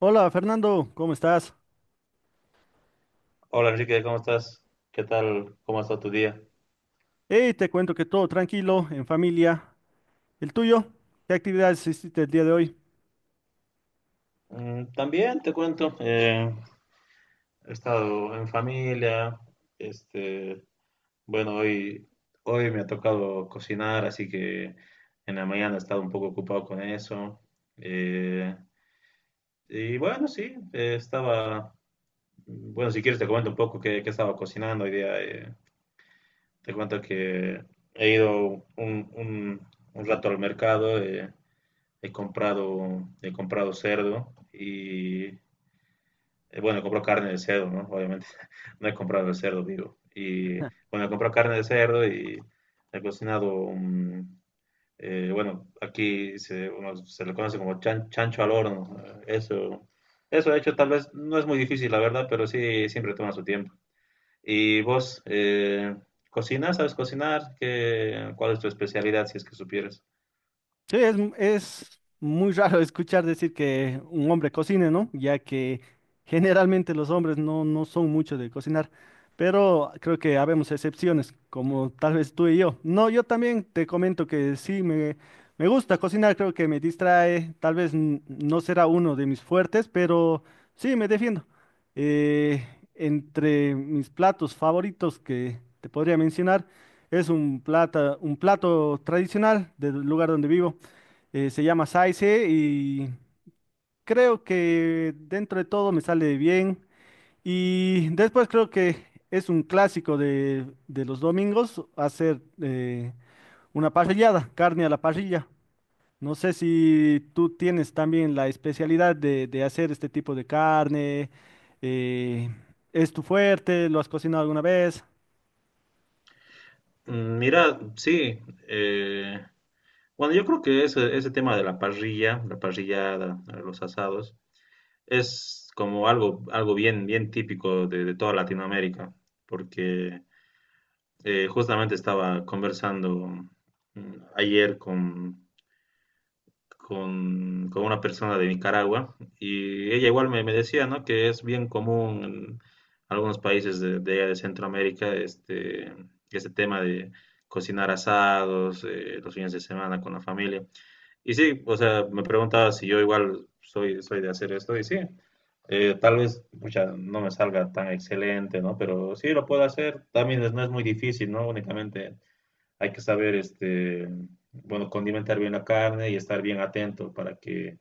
Hola Fernando, ¿cómo estás? Hola Enrique, ¿cómo estás? ¿Qué tal? ¿Cómo ha estado tu día? Hey, te cuento que todo tranquilo, en familia. ¿El tuyo? ¿Qué actividades hiciste el día de hoy? Mm, también te cuento, he estado en familia, este, bueno, hoy me ha tocado cocinar, así que en la mañana he estado un poco ocupado con eso. eh, y bueno, sí, estaba, bueno, si quieres te comento un poco qué estaba cocinando hoy día. Te cuento que he ido un, un- un rato al mercado. He comprado cerdo y bueno, he comprado carne de cerdo, ¿no? Obviamente, no he comprado el cerdo vivo. Y bueno, he comprado carne de cerdo y he cocinado bueno, aquí se, uno se le conoce como chancho al horno. Eso, eso de hecho tal vez no es muy difícil, la verdad, pero sí siempre toma su tiempo. ¿Y vos cocinas? ¿Sabes cocinar? Cuál es tu especialidad si es que supieras? Sí, es muy raro escuchar decir que un hombre cocine, ¿no? Ya que generalmente los hombres no, no son muchos de cocinar, pero creo que habemos excepciones, como tal vez tú y yo. No, yo también te comento que sí, me gusta cocinar, creo que me distrae, tal vez no será uno de mis fuertes, pero sí, me defiendo. Eh, Entre mis platos favoritos que te podría mencionar, es un un plato tradicional del lugar donde vivo. Se llama Saize y creo que dentro de todo me sale bien. Y después creo que es un clásico de los domingos hacer una parrillada, carne a la parrilla. No sé si tú tienes también la especialidad de hacer este tipo de carne. eh, ¿Es tu fuerte? ¿Lo has cocinado alguna vez? Mm, mira, sí, bueno, yo creo que ese tema de la parrilla, la parrillada, los asados, es como algo, algo bien, bien típico de toda Latinoamérica, porque justamente estaba conversando mm, ayer con una persona de Nicaragua y ella igual me, me decía, ¿no? Que es bien común en algunos países allá de Centroamérica este, este tema de cocinar asados, los fines de semana con la familia. Y sí, o sea, me preguntaba si yo igual soy, soy de hacer esto y sí, tal vez pucha, no me salga tan excelente, ¿no? Pero sí lo puedo hacer, también es- no es muy difícil, ¿no? Únicamente hay que saber, este, bueno, condimentar bien la carne y estar bien atento para que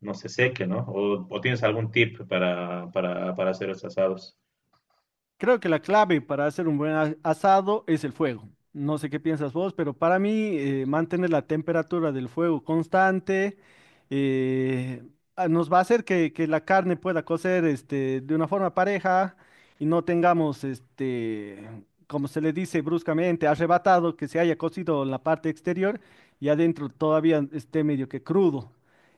no se seque, ¿no? O tienes algún tip para hacer los asados? Creo que la clave para hacer un asado es el fuego. No sé qué piensas vos, pero para mí mantener la temperatura del fuego constante eh, nos va a hacer que la carne pueda cocer este, de una forma pareja y no tengamos, este, como se le dice bruscamente, arrebatado, que se haya cocido la parte exterior y adentro todavía esté medio que crudo.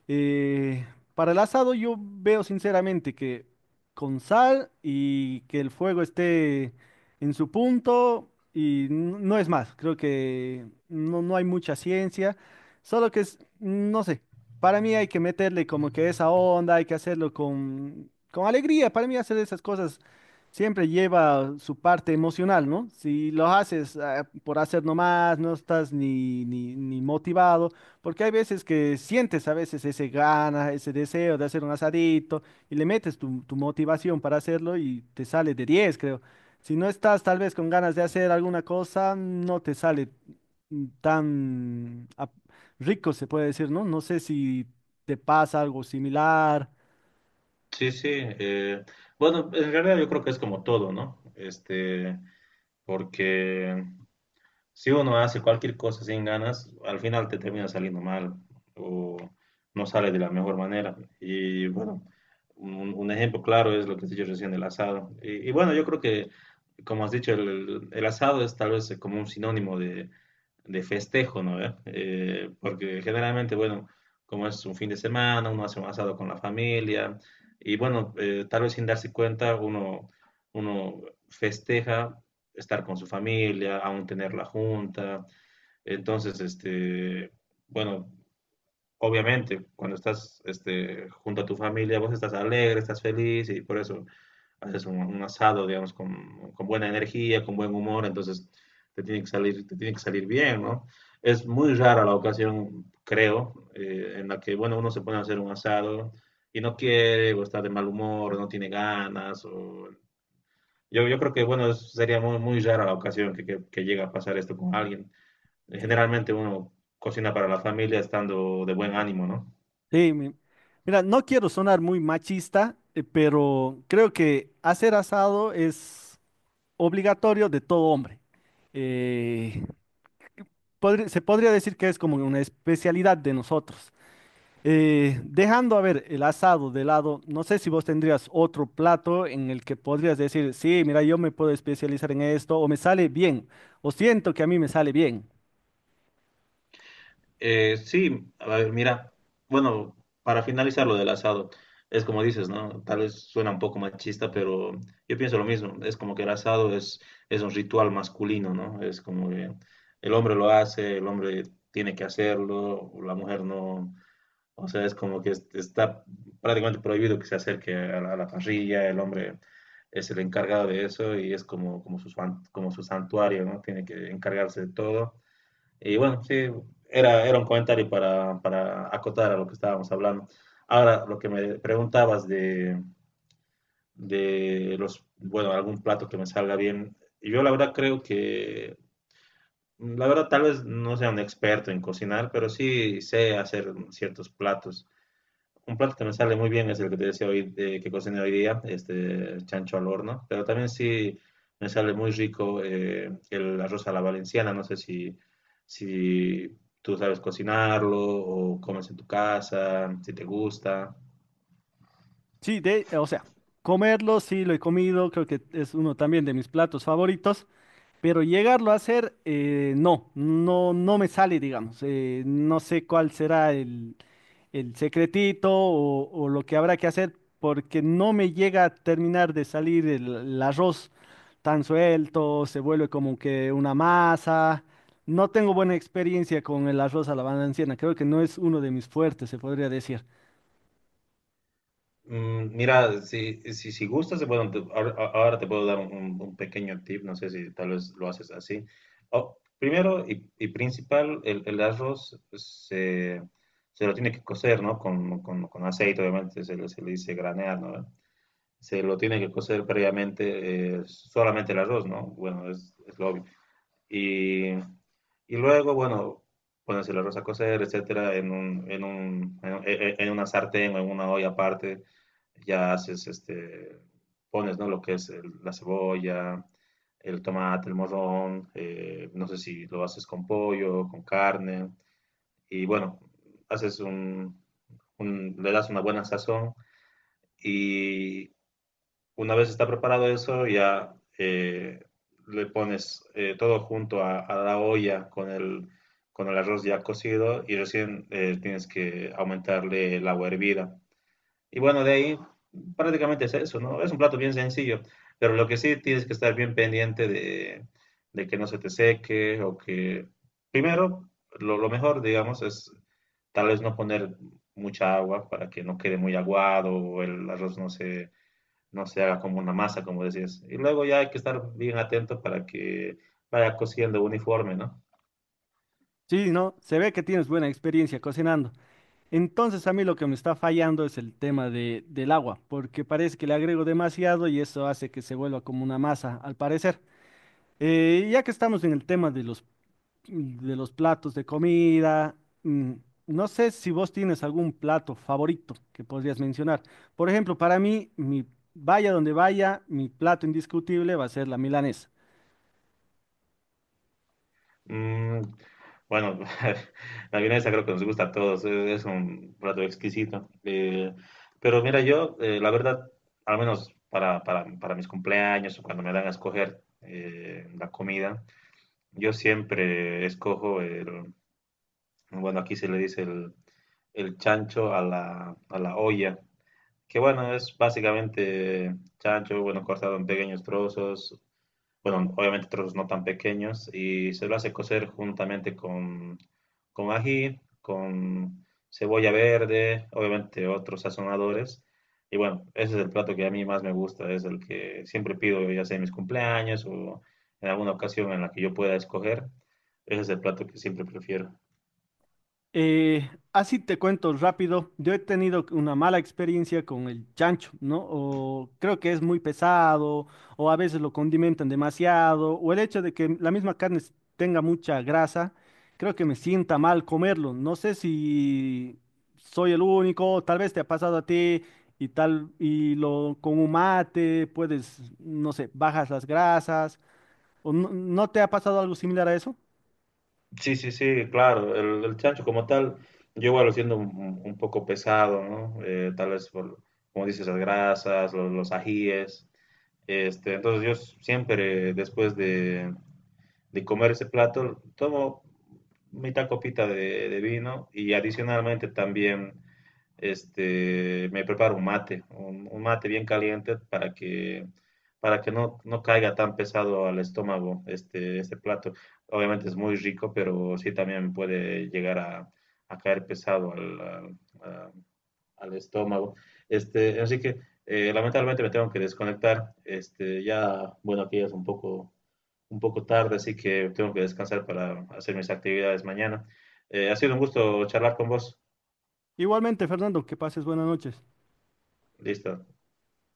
Eh, para el asado yo veo sinceramente que con sal y que el fuego esté en su punto y no es más. Creo que no, no hay mucha ciencia, solo que es, no sé, para mí hay que meterle como que esa onda, hay que hacerlo con alegría. Para mí hacer esas cosas siempre lleva su parte emocional, ¿no? Si lo haces por hacer nomás, no estás ni motivado, porque hay veces que sientes a veces ese gana, ese deseo de hacer un asadito y le metes tu motivación para hacerlo y te sale de 10 creo. Si no estás tal vez con ganas de hacer alguna cosa, no te sale tan rico, se puede decir, ¿no? No sé si te pasa algo similar. Sí, sí. Bueno, en realidad yo creo que es como todo, ¿no? Este, porque si uno hace cualquier cosa sin ganas, al final te termina saliendo mal o no sale de la mejor manera. Y bueno, un ejemplo claro es lo que has dicho recién del asado. Y bueno, yo creo que, como has dicho, el asado es tal vez como un sinónimo de festejo, ¿no? ¿Eh? Porque generalmente, bueno, como es un fin de semana, uno hace un asado con la familia y bueno, tal vez sin darse cuenta, uno festeja estar con su familia, aún tener la junta. Entonces, este, bueno, obviamente, cuando estás este, junto a tu familia, vos estás alegre, estás feliz y por eso haces un asado, digamos, con buena energía, con buen humor, entonces te tiene que salir, te tiene que salir bien, ¿no? Es muy rara la ocasión, creo, en la que, bueno, uno se pone a hacer un asado y no quiere, o está de mal humor, o no tiene ganas, o yo creo que, bueno, es- sería muy, muy rara la ocasión que llegue a pasar esto con alguien. Sí. Generalmente uno cocina para la familia estando de buen ánimo, ¿no? Sí, mira, no quiero sonar muy machista, pero creo que hacer asado es obligatorio de todo hombre. Eh, Se podría decir que es como una especialidad de nosotros. Dejando, a ver, el asado de lado, no sé si vos tendrías otro plato en el que podrías decir, sí, mira, yo me puedo especializar en esto, o me sale bien, o siento que a mí me sale bien. Sí, a ver, mira, bueno, para finalizar lo del asado, es como dices, ¿no? Tal vez suena un poco machista, pero yo pienso lo mismo. Es como que el asado es un ritual masculino, ¿no? Es como que el hombre lo hace, el hombre tiene que hacerlo, la mujer no. O sea, es como que es- está prácticamente prohibido que se acerque a la parrilla, el hombre es el encargado de eso y es como, como, como su santuario, ¿no? Tiene que encargarse de todo. Y bueno, sí, era, era un comentario para acotar a lo que estábamos hablando. Ahora, lo que me preguntabas de los, bueno, algún plato que me salga bien, yo la verdad creo que, la verdad tal vez no sea un experto en cocinar, pero sí sé hacer ciertos platos. Un plato que me sale muy bien es el que te decía hoy, que cociné hoy día, este chancho al horno, pero también sí me sale muy rico el arroz a la valenciana, no sé si, si tú sabes cocinarlo o comes en tu casa, si te gusta. Sí, de, o sea, comerlo, sí, lo he comido, creo que es uno también de mis platos favoritos, pero llegarlo a hacer, no, no, no me sale, digamos. No sé cuál será el secretito o lo que habrá que hacer porque no me llega a terminar de salir el arroz tan suelto, se vuelve como que una masa. No tengo buena experiencia con el arroz a la valenciana, creo que no es uno de mis fuertes, se podría decir. Mm, mira, si gustas, bueno, te- ahora te puedo dar un pequeño tip, no sé si tal vez lo haces así. O- primero y principal, el arroz se, se lo tiene que cocer, ¿no? Con, con aceite, obviamente, se le dice granear, ¿no? Se lo tiene que cocer previamente solamente el arroz, ¿no? Bueno, es lo obvio. Y luego, bueno, bueno, si la rosa a cocer, etcétera, en una sartén o en una olla aparte, ya haces, este, pones, ¿no? Lo que es el- la cebolla, el tomate, el morrón, no sé si lo haces con pollo, con carne, y bueno, haces un- le das una buena sazón y, una vez está preparado eso, ya le pones todo junto a la olla con el arroz ya cocido y recién tienes que aumentarle el agua hervida. Y bueno, de ahí prácticamente es eso, ¿no? Es un plato bien sencillo, pero lo que sí tienes que estar bien pendiente de que no se te seque o que... Primero, lo mejor, digamos, es tal vez no poner mucha agua para que no quede muy aguado o el arroz no se no se haga como una masa, como decías. Y luego ya hay que estar bien atento para que vaya cosiendo uniforme, ¿no? Sí, no, se ve que tienes buena experiencia cocinando. Entonces a mí lo que me está fallando es el tema de, del agua, porque parece que le agrego demasiado y eso hace que se vuelva como una masa, al parecer. Ya que estamos en el tema de los platos de comida. mm, No sé si vos tienes algún plato favorito que podrías mencionar. Por ejemplo, para mí, mi, vaya donde vaya, mi plato indiscutible va a ser la milanesa. Mm, bueno, la vienesa creo que nos gusta a todos, es un plato exquisito. Pero mira, yo, la verdad, al menos para mis cumpleaños o cuando me dan a escoger la comida, yo siempre escojo el, bueno, aquí se le dice el chancho a la olla, que bueno, es básicamente chancho, bueno, cortado en pequeños trozos, bueno, obviamente trozos no tan pequeños, y se lo hace cocer juntamente con ají, con cebolla verde, obviamente otros sazonadores. Y bueno, ese es el plato que a mí más me gusta, es el que siempre pido, ya sea en mis cumpleaños o en alguna ocasión en la que yo pueda escoger. Ese es el plato que siempre prefiero. Así te cuento rápido, yo he tenido una mala experiencia con el chancho, ¿no? O creo que es muy pesado, o a veces lo condimentan demasiado, o el hecho de que la misma carne tenga mucha grasa, creo que me sienta mal comerlo. No sé si soy el único, tal vez te ha pasado a ti y tal, y lo con un mate puedes, no sé, bajas las grasas, o no no te ha pasado algo similar a eso. Sí, sí, sí, claro, el chancho como tal, yo igual lo siento un poco pesado, ¿no? Tal vez por, como dices, las grasas, los ajíes, este, entonces yo siempre después de comer ese plato tomo mitad copita de vino y adicionalmente también este, me preparo un mate, un mate bien caliente para para que no, no caiga tan pesado al estómago este, este plato. Obviamente es muy rico, pero sí también puede llegar a caer pesado al estómago. Este, así que lamentablemente me tengo que desconectar. Este, ya, bueno, aquí ya es un poco tarde, así que tengo que descansar para hacer mis actividades mañana. Ha sido un gusto charlar con vos. Igualmente, Fernando, que pases buenas noches. Listo.